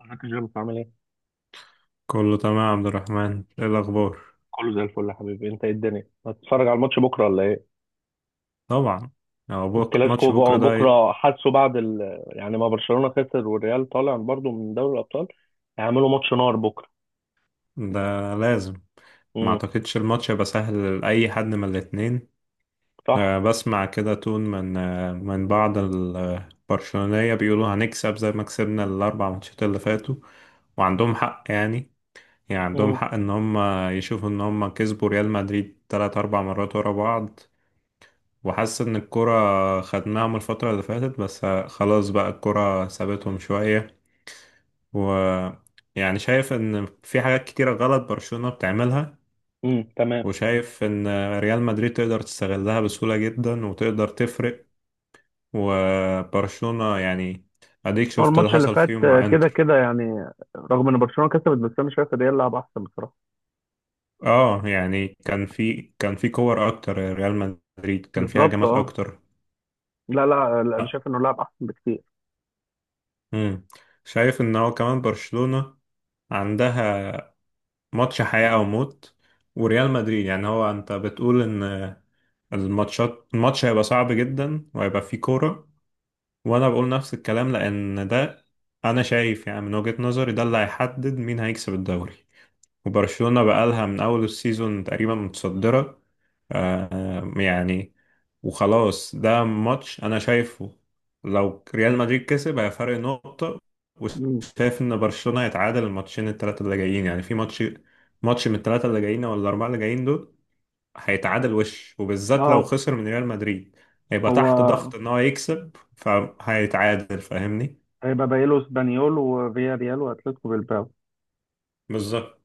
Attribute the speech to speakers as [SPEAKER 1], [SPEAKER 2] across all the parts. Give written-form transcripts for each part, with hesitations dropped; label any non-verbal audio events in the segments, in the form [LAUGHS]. [SPEAKER 1] ازيك يا جيمس عامل ايه؟
[SPEAKER 2] كله تمام يا عبد الرحمن، ايه الاخبار؟
[SPEAKER 1] كله زي الفل يا حبيبي انت ايه الدنيا؟ هتتفرج على الماتش بكره ولا ايه؟
[SPEAKER 2] طبعا. هو ماتش
[SPEAKER 1] الكلاسيكو
[SPEAKER 2] بكره ده إيه؟
[SPEAKER 1] بكره حاسه بعد ال... يعني ما برشلونه خسر والريال طالع برضه من دوري الابطال، هيعملوا ماتش نار بكره.
[SPEAKER 2] ده. لازم. ما
[SPEAKER 1] امم
[SPEAKER 2] اعتقدش الماتش هيبقى سهل لاي حد من الاتنين.
[SPEAKER 1] صح.
[SPEAKER 2] أه، بسمع كده تون من بعض البرشلونيه بيقولوا هنكسب زي ما كسبنا الاربع ماتشات اللي فاتوا. وعندهم حق يعني. يعني عندهم
[SPEAKER 1] امم
[SPEAKER 2] حق ان هم يشوفوا ان هم كسبوا ريال مدريد تلات اربع مرات ورا بعض. وحاسس ان الكرة خدناهم الفترة اللي فاتت، بس خلاص بقى الكرة سابتهم شوية. و يعني شايف ان في حاجات كتيرة غلط برشلونة بتعملها.
[SPEAKER 1] تمام.
[SPEAKER 2] وشايف ان ريال مدريد تقدر تستغلها بسهولة جدا وتقدر تفرق. وبرشلونة يعني، اديك
[SPEAKER 1] هو
[SPEAKER 2] شفت اللي
[SPEAKER 1] الماتش اللي
[SPEAKER 2] حصل
[SPEAKER 1] فات
[SPEAKER 2] فيهم مع
[SPEAKER 1] كده
[SPEAKER 2] انتر.
[SPEAKER 1] كده يعني، رغم ان برشلونه كسبت بس انا شايف الريال لعب احسن بصراحه.
[SPEAKER 2] اه يعني، كان في كور اكتر ريال مدريد، كان في
[SPEAKER 1] بالظبط
[SPEAKER 2] هجمات
[SPEAKER 1] اه.
[SPEAKER 2] اكتر.
[SPEAKER 1] لا لا لا، انا شايف انه لعب احسن بكتير.
[SPEAKER 2] امم. شايف ان هو كمان برشلونة عندها ماتش حياة أو موت. وريال مدريد يعني، هو أنت بتقول إن الماتش هيبقى صعب جدا وهيبقى فيه كورة. وأنا بقول نفس الكلام لأن ده، أنا شايف يعني من وجهة نظري ده اللي هيحدد مين هيكسب الدوري. وبرشلونة بقالها من أول السيزون تقريبا متصدرة. يعني وخلاص ده ماتش أنا شايفه، لو ريال مدريد كسب هي فرق نقطة.
[SPEAKER 1] مم.
[SPEAKER 2] وشايف إن برشلونة هيتعادل الماتشين التلاتة اللي جايين، يعني في ماتش، ماتش من التلاتة اللي جايين أو الأربعة اللي جايين دول هيتعادل. وبالذات لو
[SPEAKER 1] اه،
[SPEAKER 2] خسر من ريال مدريد هيبقى تحت
[SPEAKER 1] هو
[SPEAKER 2] ضغط إن هو يكسب، فهيتعادل، فاهمني؟
[SPEAKER 1] هيبقى باقي له اسبانيول وفيا ريال واتلتيكو بالباو.
[SPEAKER 2] بالظبط.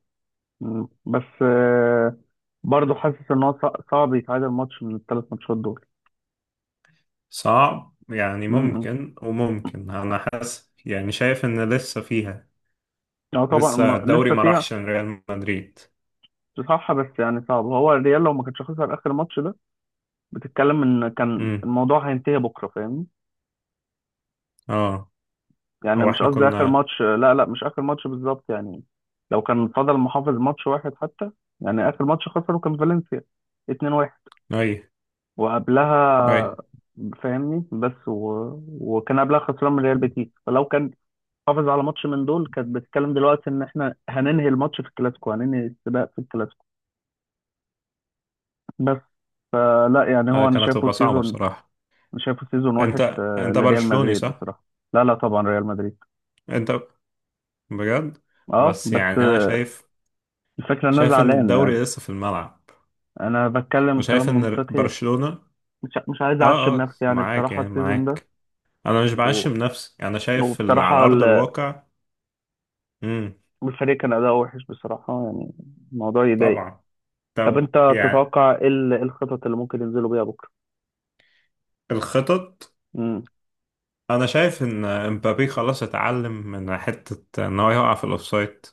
[SPEAKER 1] مم. بس برضه حاسس ان هو صعب يتعادل ماتش من الثلاث ماتشات دول.
[SPEAKER 2] صعب يعني،
[SPEAKER 1] امم
[SPEAKER 2] ممكن وممكن. انا حاسس يعني، شايف ان لسه فيها.
[SPEAKER 1] اه طبعا،
[SPEAKER 2] لسه الدوري
[SPEAKER 1] لسه
[SPEAKER 2] ما
[SPEAKER 1] فيها.
[SPEAKER 2] راحش لريال مدريد.
[SPEAKER 1] صح بس يعني صعب، هو الريال لو ما كانش خسر اخر ماتش ده، بتتكلم ان كان
[SPEAKER 2] امم.
[SPEAKER 1] الموضوع هينتهي بكره فاهمني.
[SPEAKER 2] اه.
[SPEAKER 1] يعني
[SPEAKER 2] او
[SPEAKER 1] مش
[SPEAKER 2] احنا
[SPEAKER 1] قصدي اخر
[SPEAKER 2] كنا.
[SPEAKER 1] ماتش، لا لا مش اخر ماتش بالظبط يعني، لو كان فضل محافظ ماتش واحد حتى. يعني اخر ماتش خسره كان فالنسيا 2-1،
[SPEAKER 2] اي. اي.
[SPEAKER 1] وقبلها فاهمني وكان قبلها خسران من ريال بيتيس، فلو كان حافظ على ماتش من دول كانت بتتكلم دلوقتي ان احنا هننهي الماتش في الكلاسيكو، هننهي السباق في الكلاسيكو. بس فلا يعني
[SPEAKER 2] آه،
[SPEAKER 1] هو انا
[SPEAKER 2] كانت
[SPEAKER 1] شايفه
[SPEAKER 2] تبقى صعبة
[SPEAKER 1] سيزون،
[SPEAKER 2] بصراحة.
[SPEAKER 1] انا شايفه سيزون وحش
[SPEAKER 2] انت انت
[SPEAKER 1] لريال
[SPEAKER 2] برشلوني
[SPEAKER 1] مدريد
[SPEAKER 2] صح؟
[SPEAKER 1] بصراحة. لا لا طبعا ريال مدريد.
[SPEAKER 2] انت، بجد؟
[SPEAKER 1] اه
[SPEAKER 2] بس
[SPEAKER 1] بس
[SPEAKER 2] يعني انا شايف،
[SPEAKER 1] الفكرة ان انا
[SPEAKER 2] شايف ان
[SPEAKER 1] زعلان يعني،
[SPEAKER 2] الدوري لسه في الملعب.
[SPEAKER 1] انا بتكلم
[SPEAKER 2] وشايف
[SPEAKER 1] كلام
[SPEAKER 2] ان
[SPEAKER 1] منطقي،
[SPEAKER 2] برشلونة.
[SPEAKER 1] مش عايز اعشم
[SPEAKER 2] اه اه،
[SPEAKER 1] نفسي يعني،
[SPEAKER 2] معاك
[SPEAKER 1] بصراحة
[SPEAKER 2] يعني،
[SPEAKER 1] السيزون ده
[SPEAKER 2] معاك. انا مش
[SPEAKER 1] و...
[SPEAKER 2] بعشم نفسي، انا شايف على
[SPEAKER 1] وبصراحة
[SPEAKER 2] ارض الواقع. امم.
[SPEAKER 1] الفريق كان اداؤه وحش بصراحة يعني، الموضوع يضايق.
[SPEAKER 2] طبعا.
[SPEAKER 1] طب
[SPEAKER 2] طب
[SPEAKER 1] انت
[SPEAKER 2] يعني.
[SPEAKER 1] تتوقع ايه إيه الخطط اللي ممكن ينزلوا بيها بكرة.
[SPEAKER 2] الخطط.
[SPEAKER 1] امم
[SPEAKER 2] انا شايف ان امبابي خلاص اتعلم من حتة ان هو يقع في الاوفسايد.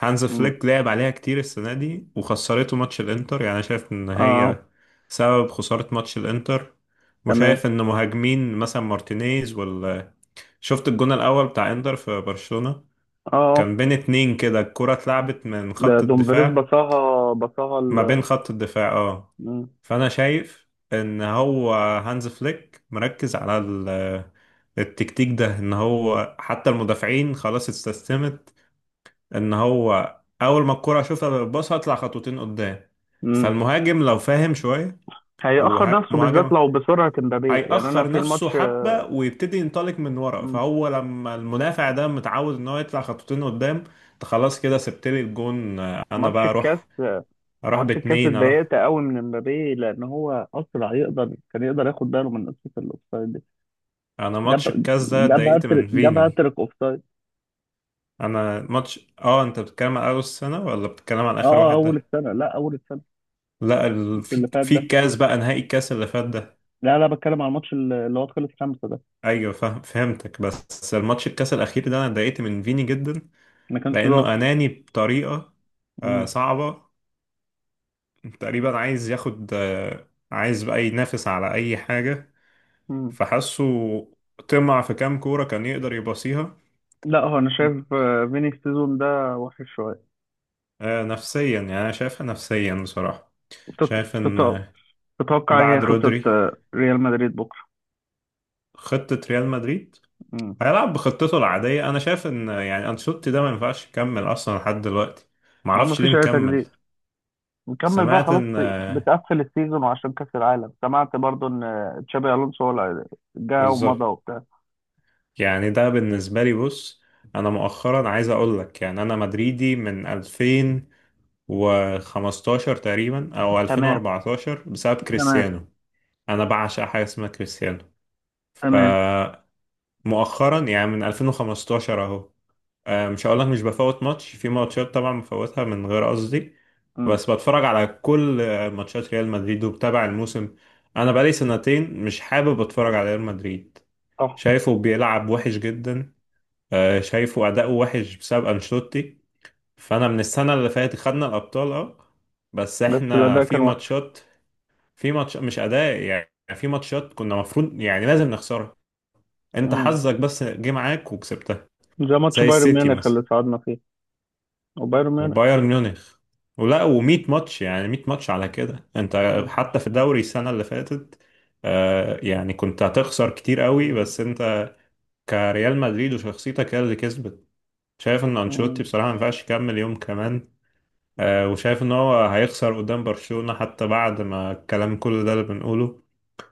[SPEAKER 2] هانز
[SPEAKER 1] امم
[SPEAKER 2] فليك لعب عليها كتير السنة دي، وخسرته ماتش الانتر. يعني انا شايف ان
[SPEAKER 1] اه
[SPEAKER 2] هي سبب خسارة ماتش الانتر.
[SPEAKER 1] تمام.
[SPEAKER 2] وشايف ان مهاجمين مثلا مارتينيز ولا، شفت الجون الاول بتاع انتر في برشلونة؟
[SPEAKER 1] اه اه.
[SPEAKER 2] كان بين اتنين كده الكرة اتلعبت من
[SPEAKER 1] ده
[SPEAKER 2] خط
[SPEAKER 1] دومفريز
[SPEAKER 2] الدفاع.
[SPEAKER 1] بصاها، بصاها
[SPEAKER 2] ما بين
[SPEAKER 1] ال.
[SPEAKER 2] خط الدفاع، اه.
[SPEAKER 1] مم.
[SPEAKER 2] فانا شايف ان هو هانز فليك مركز على التكتيك ده، ان هو حتى المدافعين خلاص استسلمت ان هو اول ما الكرة اشوفها بالباص هطلع خطوتين قدام.
[SPEAKER 1] مم.
[SPEAKER 2] فالمهاجم لو فاهم شوية،
[SPEAKER 1] هيأخر نفسه
[SPEAKER 2] ومهاجم
[SPEAKER 1] بالذات لو بسرعة امبابي، يعني انا
[SPEAKER 2] هيأخر
[SPEAKER 1] في
[SPEAKER 2] نفسه
[SPEAKER 1] الماتش.
[SPEAKER 2] حبة ويبتدي ينطلق من ورا.
[SPEAKER 1] مم.
[SPEAKER 2] فهو لما المدافع ده متعود ان هو يطلع خطوتين قدام، أنت خلاص كده سبت لي الجون، انا
[SPEAKER 1] ماتش
[SPEAKER 2] بقى
[SPEAKER 1] الكاس،
[SPEAKER 2] اروح، اروح
[SPEAKER 1] ماتش الكاس
[SPEAKER 2] باتنين اروح.
[SPEAKER 1] اتضايقت قوي من امبابي لان هو اسرع، يقدر كان يقدر ياخد باله من قصة الاوفسايد دي.
[SPEAKER 2] انا ماتش
[SPEAKER 1] جاب
[SPEAKER 2] الكاس ده
[SPEAKER 1] جاب
[SPEAKER 2] اتضايقت
[SPEAKER 1] هاتريك،
[SPEAKER 2] من
[SPEAKER 1] جاب
[SPEAKER 2] فيني.
[SPEAKER 1] هاتريك اوفسايد.
[SPEAKER 2] انا ماتش اه، انت بتتكلم على اول السنه ولا بتتكلم على اخر
[SPEAKER 1] اه
[SPEAKER 2] واحد
[SPEAKER 1] اول
[SPEAKER 2] ده؟
[SPEAKER 1] السنة، لا اول السنة.
[SPEAKER 2] لا،
[SPEAKER 1] مش اللي
[SPEAKER 2] في
[SPEAKER 1] فات
[SPEAKER 2] في
[SPEAKER 1] ده،
[SPEAKER 2] الكاس بقى، نهائي الكاس اللي فات ده،
[SPEAKER 1] لا لا بتكلم على الماتش اللي هو خلص خمسة ده.
[SPEAKER 2] ايوه فهمتك. بس الماتش الكاس الاخير ده انا اتضايقت من فيني جدا،
[SPEAKER 1] ما كانش
[SPEAKER 2] لانه
[SPEAKER 1] ظاهر.
[SPEAKER 2] اناني بطريقه آه
[SPEAKER 1] مم.
[SPEAKER 2] صعبه. تقريبا عايز ياخد آه، عايز بقى ينافس على اي حاجه.
[SPEAKER 1] مم.
[SPEAKER 2] فحسه طمع في كام كوره كان يقدر يباصيها.
[SPEAKER 1] لا هو انا شايف فيني السيزون ده وحش شوية.
[SPEAKER 2] آه نفسيا، يعني انا شايفها نفسيا بصراحه.
[SPEAKER 1] تط-
[SPEAKER 2] شايف ان
[SPEAKER 1] تط- تتوقع إيه هي
[SPEAKER 2] بعد
[SPEAKER 1] خطة
[SPEAKER 2] رودري
[SPEAKER 1] ريال مدريد بكرة.
[SPEAKER 2] خطة ريال مدريد،
[SPEAKER 1] مم.
[SPEAKER 2] هيلعب بخطته العادية. أنا شايف إن يعني أنشيلوتي ده ما ينفعش يكمل أصلا لحد دلوقتي،
[SPEAKER 1] هو
[SPEAKER 2] معرفش ليه
[SPEAKER 1] مفيش أي
[SPEAKER 2] مكمل.
[SPEAKER 1] تجديد، نكمل بقى
[SPEAKER 2] سمعت
[SPEAKER 1] خلاص.
[SPEAKER 2] إن آه،
[SPEAKER 1] بتقفل السيزون وعشان كأس العالم، سمعت برضو إن تشابي ألونسو هو اللي جه ومضى
[SPEAKER 2] بالظبط.
[SPEAKER 1] وبتاع.
[SPEAKER 2] يعني ده بالنسبة لي، بص، أنا مؤخرا عايز أقول لك، يعني أنا مدريدي من 2015 تقريبا أو
[SPEAKER 1] تمام
[SPEAKER 2] 2014 بسبب
[SPEAKER 1] تمام.
[SPEAKER 2] كريستيانو. أنا بعشق حاجة اسمها كريستيانو.
[SPEAKER 1] تمام.
[SPEAKER 2] فمؤخرا يعني من 2015 أهو، مش هقولك مش بفوت ماتش، في ماتشات طبعا بفوتها من غير قصدي.
[SPEAKER 1] مم.
[SPEAKER 2] بس بتفرج على كل ماتشات ريال مدريد وبتابع الموسم. انا بقالي سنتين مش حابب اتفرج على ريال مدريد،
[SPEAKER 1] صح
[SPEAKER 2] شايفه بيلعب وحش جدا. شايفه اداؤه وحش بسبب انشيلوتي. فانا من السنه اللي فاتت خدنا الابطال اه، بس
[SPEAKER 1] بس
[SPEAKER 2] احنا
[SPEAKER 1] الأداء
[SPEAKER 2] في
[SPEAKER 1] كان وحش.
[SPEAKER 2] ماتشات، في ماتش مش اداء يعني، في ماتشات كنا مفروض يعني لازم نخسرها. انت
[SPEAKER 1] مم.
[SPEAKER 2] حظك بس جه معاك وكسبتها.
[SPEAKER 1] زي ماتش
[SPEAKER 2] زي
[SPEAKER 1] بايرن
[SPEAKER 2] السيتي
[SPEAKER 1] ميونخ
[SPEAKER 2] مثلا
[SPEAKER 1] اللي صعدنا فيه، وبايرن ميونخ.
[SPEAKER 2] وبايرن ميونخ. ولا و100 ماتش، يعني 100 ماتش على كده انت،
[SPEAKER 1] مم.
[SPEAKER 2] حتى في الدوري السنة اللي فاتت آه، يعني كنت هتخسر كتير قوي، بس انت كريال مدريد وشخصيتك هي اللي كسبت. شايف ان انشيلوتي
[SPEAKER 1] مم.
[SPEAKER 2] بصراحة ما ينفعش يكمل يوم كمان. وشايف ان هو هيخسر قدام برشلونة حتى بعد ما الكلام كل ده اللي بنقوله.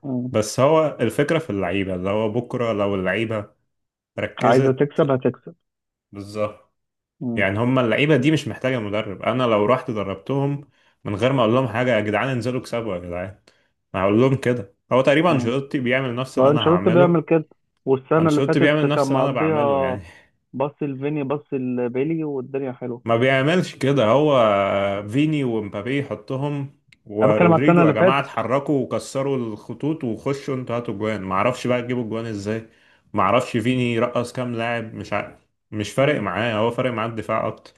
[SPEAKER 1] مم.
[SPEAKER 2] بس هو الفكرة في اللعيبة، اللي هو بكرة لو اللعيبة
[SPEAKER 1] عايزة
[SPEAKER 2] ركزت.
[SPEAKER 1] تكسب هتكسب.
[SPEAKER 2] بالظبط.
[SPEAKER 1] مم.
[SPEAKER 2] يعني هم اللعيبه دي مش محتاجه مدرب، انا لو رحت دربتهم من غير ما اقول لهم حاجه، يا جدعان انزلوا اكسبوا يا جدعان، ما هقول لهم كده. هو تقريبا
[SPEAKER 1] مم.
[SPEAKER 2] انشيلوتي بيعمل نفس اللي
[SPEAKER 1] هو
[SPEAKER 2] انا
[SPEAKER 1] انشيلوتي بيعمل
[SPEAKER 2] هعمله.
[SPEAKER 1] كده، والسنة اللي
[SPEAKER 2] انشيلوتي
[SPEAKER 1] فاتت
[SPEAKER 2] بيعمل
[SPEAKER 1] كان
[SPEAKER 2] نفس اللي انا بعمله
[SPEAKER 1] مقضيها.
[SPEAKER 2] يعني. [LAUGHS]
[SPEAKER 1] بص لفيني بص لبيلي والدنيا حلوة.
[SPEAKER 2] ما بيعملش كده هو. فيني ومبابي يحطهم
[SPEAKER 1] انا بتكلم على السنة
[SPEAKER 2] ورودريجو، يا
[SPEAKER 1] اللي
[SPEAKER 2] جماعه
[SPEAKER 1] فاتت.
[SPEAKER 2] اتحركوا وكسروا الخطوط وخشوا انتوا هاتوا جوان، ما اعرفش بقى تجيبوا جوان ازاي. ما اعرفش فيني رقص كام لاعب، مش مش فارق
[SPEAKER 1] مم.
[SPEAKER 2] معاه، هو فارق معاه الدفاع اكتر.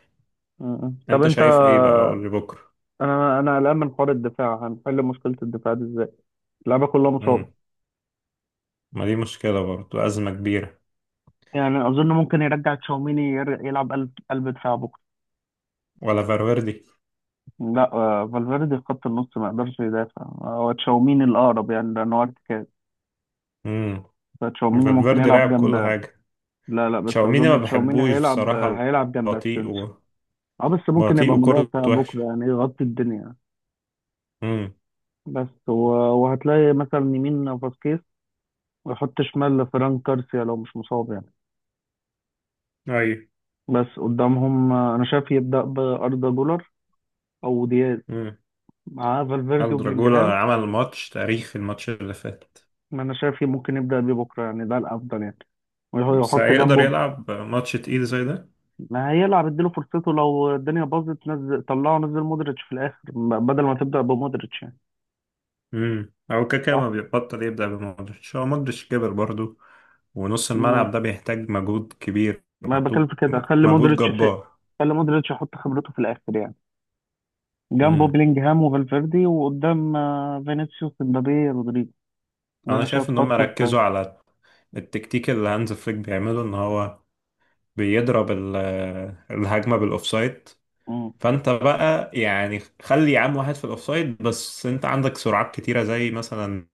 [SPEAKER 1] مم. طب
[SPEAKER 2] انت
[SPEAKER 1] انت،
[SPEAKER 2] شايف ايه بقى؟ قول لي بكره.
[SPEAKER 1] انا انا قلقان من حوار الدفاع، هنحل مشكلة الدفاع دي ازاي، اللعيبة كلها مصابة.
[SPEAKER 2] ما دي مشكلة برضو، أزمة كبيرة.
[SPEAKER 1] يعني اظن ممكن يرجع تشاوميني يلعب قلب دفاع بكرة.
[SPEAKER 2] ولا فالفيردي.
[SPEAKER 1] لا فالفيردي في خط النص ما يقدرش يدافع، هو تشاوميني الاقرب يعني لان هو ارتكاز.
[SPEAKER 2] امم.
[SPEAKER 1] فتشاوميني ممكن
[SPEAKER 2] فالفيردي
[SPEAKER 1] يلعب
[SPEAKER 2] لعب
[SPEAKER 1] جنب.
[SPEAKER 2] كل حاجة.
[SPEAKER 1] لا لا بس
[SPEAKER 2] تشاوميني ما
[SPEAKER 1] اظن تشاوميني
[SPEAKER 2] بحبوش
[SPEAKER 1] هيلعب
[SPEAKER 2] بصراحة،
[SPEAKER 1] هيلعب جنب
[SPEAKER 2] بطيء
[SPEAKER 1] اسينسيو.
[SPEAKER 2] و...
[SPEAKER 1] اه بس ممكن
[SPEAKER 2] بطيء
[SPEAKER 1] يبقى مدافع
[SPEAKER 2] وكورته
[SPEAKER 1] بكره
[SPEAKER 2] وحشة.
[SPEAKER 1] يعني يغطي الدنيا.
[SPEAKER 2] امم.
[SPEAKER 1] بس و... وهتلاقي مثلا يمين فاسكيز، ويحط شمال فران كارسيا لو مش مصاب يعني.
[SPEAKER 2] أيوة.
[SPEAKER 1] بس قدامهم انا شايف يبدا باردا جولر او دياز
[SPEAKER 2] امم.
[SPEAKER 1] مع فالفيردي وبلينجهام.
[SPEAKER 2] الدراجولا عمل ماتش تاريخي الماتش اللي فات،
[SPEAKER 1] ما انا شايف ممكن يبدا بيه بكره يعني، ده الافضل يعني.
[SPEAKER 2] بس
[SPEAKER 1] ويحط
[SPEAKER 2] هيقدر
[SPEAKER 1] جنبه.
[SPEAKER 2] يلعب ماتش تقيل زي ده؟
[SPEAKER 1] ما هيلعب اديله فرصته، لو الدنيا باظت نزل طلعه، نزل مودريتش في الاخر بدل ما تبدا بمودريتش يعني.
[SPEAKER 2] امم. أو كاكا ما
[SPEAKER 1] صح؟
[SPEAKER 2] بيبطل يبدأ بمودريتش، هو مودريتش كبر برضو، ونص
[SPEAKER 1] مم.
[SPEAKER 2] الملعب ده بيحتاج مجهود كبير،
[SPEAKER 1] ما بكلم
[SPEAKER 2] محتاج
[SPEAKER 1] في كده، خلي
[SPEAKER 2] مجهود
[SPEAKER 1] مودريتش في،
[SPEAKER 2] جبار.
[SPEAKER 1] خلي مودريتش يحط خبرته في الاخر يعني. جنبه
[SPEAKER 2] امم.
[SPEAKER 1] بيلينجهام وفالفيردي، وقدام فينيسيوس امبابي رودريجو. ده
[SPEAKER 2] انا
[SPEAKER 1] انا شايف
[SPEAKER 2] شايف ان هم ركزوا على التكتيك اللي هانز فليك بيعمله، ان هو بيضرب الهجمه بالاوفسايد.
[SPEAKER 1] مم.
[SPEAKER 2] فانت بقى يعني خلي عام واحد في الاوفسايد، بس انت عندك سرعات كتيره زي مثلا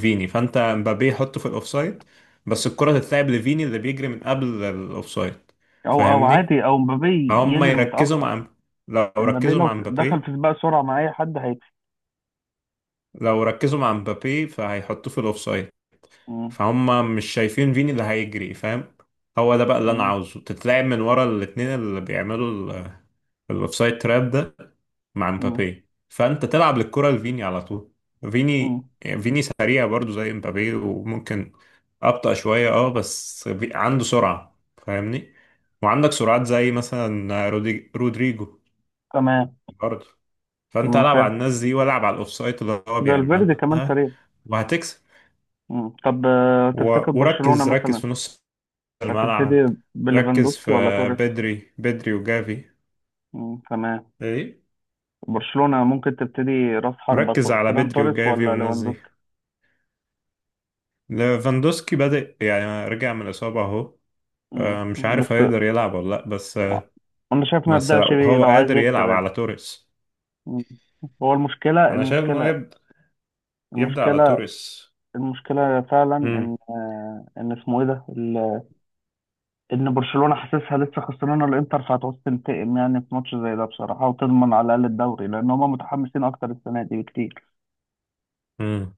[SPEAKER 2] فيني. فانت مبابي يحطه في الاوفسايد، بس الكره تتلعب لفيني اللي بيجري من قبل الاوفسايد،
[SPEAKER 1] او او
[SPEAKER 2] فاهمني؟
[SPEAKER 1] عادي او امبابي
[SPEAKER 2] فهم
[SPEAKER 1] يجري
[SPEAKER 2] يركزوا
[SPEAKER 1] متاخر.
[SPEAKER 2] مع، لو
[SPEAKER 1] امبابي
[SPEAKER 2] ركزوا مع
[SPEAKER 1] لو دخل في
[SPEAKER 2] مبابي
[SPEAKER 1] سباق سرعه مع اي حد هيكسب.
[SPEAKER 2] لو ركزوا مع مبابي فهيحطوه في الاوفسايد،
[SPEAKER 1] مم.
[SPEAKER 2] فهم مش شايفين فيني اللي هيجري، فاهم؟ هو ده بقى اللي انا
[SPEAKER 1] مم.
[SPEAKER 2] عاوزه، تتلعب من ورا الاثنين اللي بيعملوا الاوفسايد تراب ده. مع
[SPEAKER 1] مم.
[SPEAKER 2] مبابي فانت تلعب للكرة لفيني على طول. فيني.
[SPEAKER 1] مم.
[SPEAKER 2] فيني سريع برضو زي مبابي وممكن ابطأ شوية اه، بس عنده سرعة فاهمني. وعندك سرعات زي مثلا رودريجو
[SPEAKER 1] تمام.
[SPEAKER 2] برضو. فانت
[SPEAKER 1] مم.
[SPEAKER 2] العب على
[SPEAKER 1] فاهم.
[SPEAKER 2] الناس دي والعب على الاوفسايد اللي هو
[SPEAKER 1] فالفيردي كمان
[SPEAKER 2] بيعملها،
[SPEAKER 1] سريع.
[SPEAKER 2] وهتكسب.
[SPEAKER 1] مم. طب تفتكر برشلونه
[SPEAKER 2] وركز، ركز
[SPEAKER 1] مثلا
[SPEAKER 2] في نص الملعب.
[SPEAKER 1] هتبتدي
[SPEAKER 2] ركز في
[SPEAKER 1] بليفاندوسكي ولا توريس.
[SPEAKER 2] بدري بدري وجافي.
[SPEAKER 1] مم. تمام.
[SPEAKER 2] ايه.
[SPEAKER 1] برشلونه ممكن تبتدي، راس حربه
[SPEAKER 2] مركز على
[SPEAKER 1] فيران
[SPEAKER 2] بدري
[SPEAKER 1] توريس
[SPEAKER 2] وجافي
[SPEAKER 1] ولا
[SPEAKER 2] والناس دي.
[SPEAKER 1] ليفاندوسكي.
[SPEAKER 2] ليفاندوسكي بادئ يعني رجع من الإصابة اهو،
[SPEAKER 1] مم.
[SPEAKER 2] مش عارف
[SPEAKER 1] بس
[SPEAKER 2] هيقدر يلعب ولا لا، بس
[SPEAKER 1] انا شايف ما
[SPEAKER 2] بس لو
[SPEAKER 1] يبدأش بيه
[SPEAKER 2] هو
[SPEAKER 1] لو عايز
[SPEAKER 2] قادر
[SPEAKER 1] يكسب
[SPEAKER 2] يلعب
[SPEAKER 1] يعني.
[SPEAKER 2] على توريس،
[SPEAKER 1] مم. هو المشكلة
[SPEAKER 2] انا شايف انه
[SPEAKER 1] المشكلة
[SPEAKER 2] يبدأ، يبدأ على
[SPEAKER 1] المشكلة
[SPEAKER 2] توريس.
[SPEAKER 1] المشكلة فعلا
[SPEAKER 2] امم.
[SPEAKER 1] ان ان اسمه ايه ده ان برشلونة حاسسها لسه خسرانة الانتر، فهتعوز تنتقم يعني في ماتش زي ده بصراحة، وتضمن على الاقل الدوري لان هما متحمسين اكتر السنة دي بكتير.
[SPEAKER 2] امم.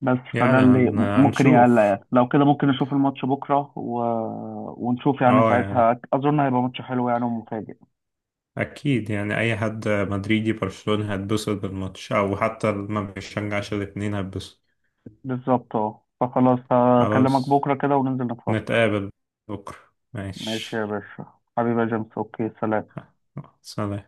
[SPEAKER 1] بس فده
[SPEAKER 2] يعني
[SPEAKER 1] اللي ممكن يقلق
[SPEAKER 2] هنشوف.
[SPEAKER 1] يعني، لو كده ممكن نشوف الماتش بكرة ونشوف يعني،
[SPEAKER 2] اه يعني
[SPEAKER 1] ساعتها اظن هيبقى ماتش حلو يعني ومفاجئ.
[SPEAKER 2] اكيد يعني، اي حد مدريدي برشلوني هيتبسط بالماتش، او حتى اللي ما بيشجعش الاتنين هيتبسط.
[SPEAKER 1] بالظبط اه. فخلاص هكلمك
[SPEAKER 2] خلاص،
[SPEAKER 1] بكرة كده وننزل نتفرج.
[SPEAKER 2] نتقابل بكرة.
[SPEAKER 1] ماشي
[SPEAKER 2] ماشي.
[SPEAKER 1] يا باشا، حبيبي يا جيمس، اوكي سلام.
[SPEAKER 2] سلام.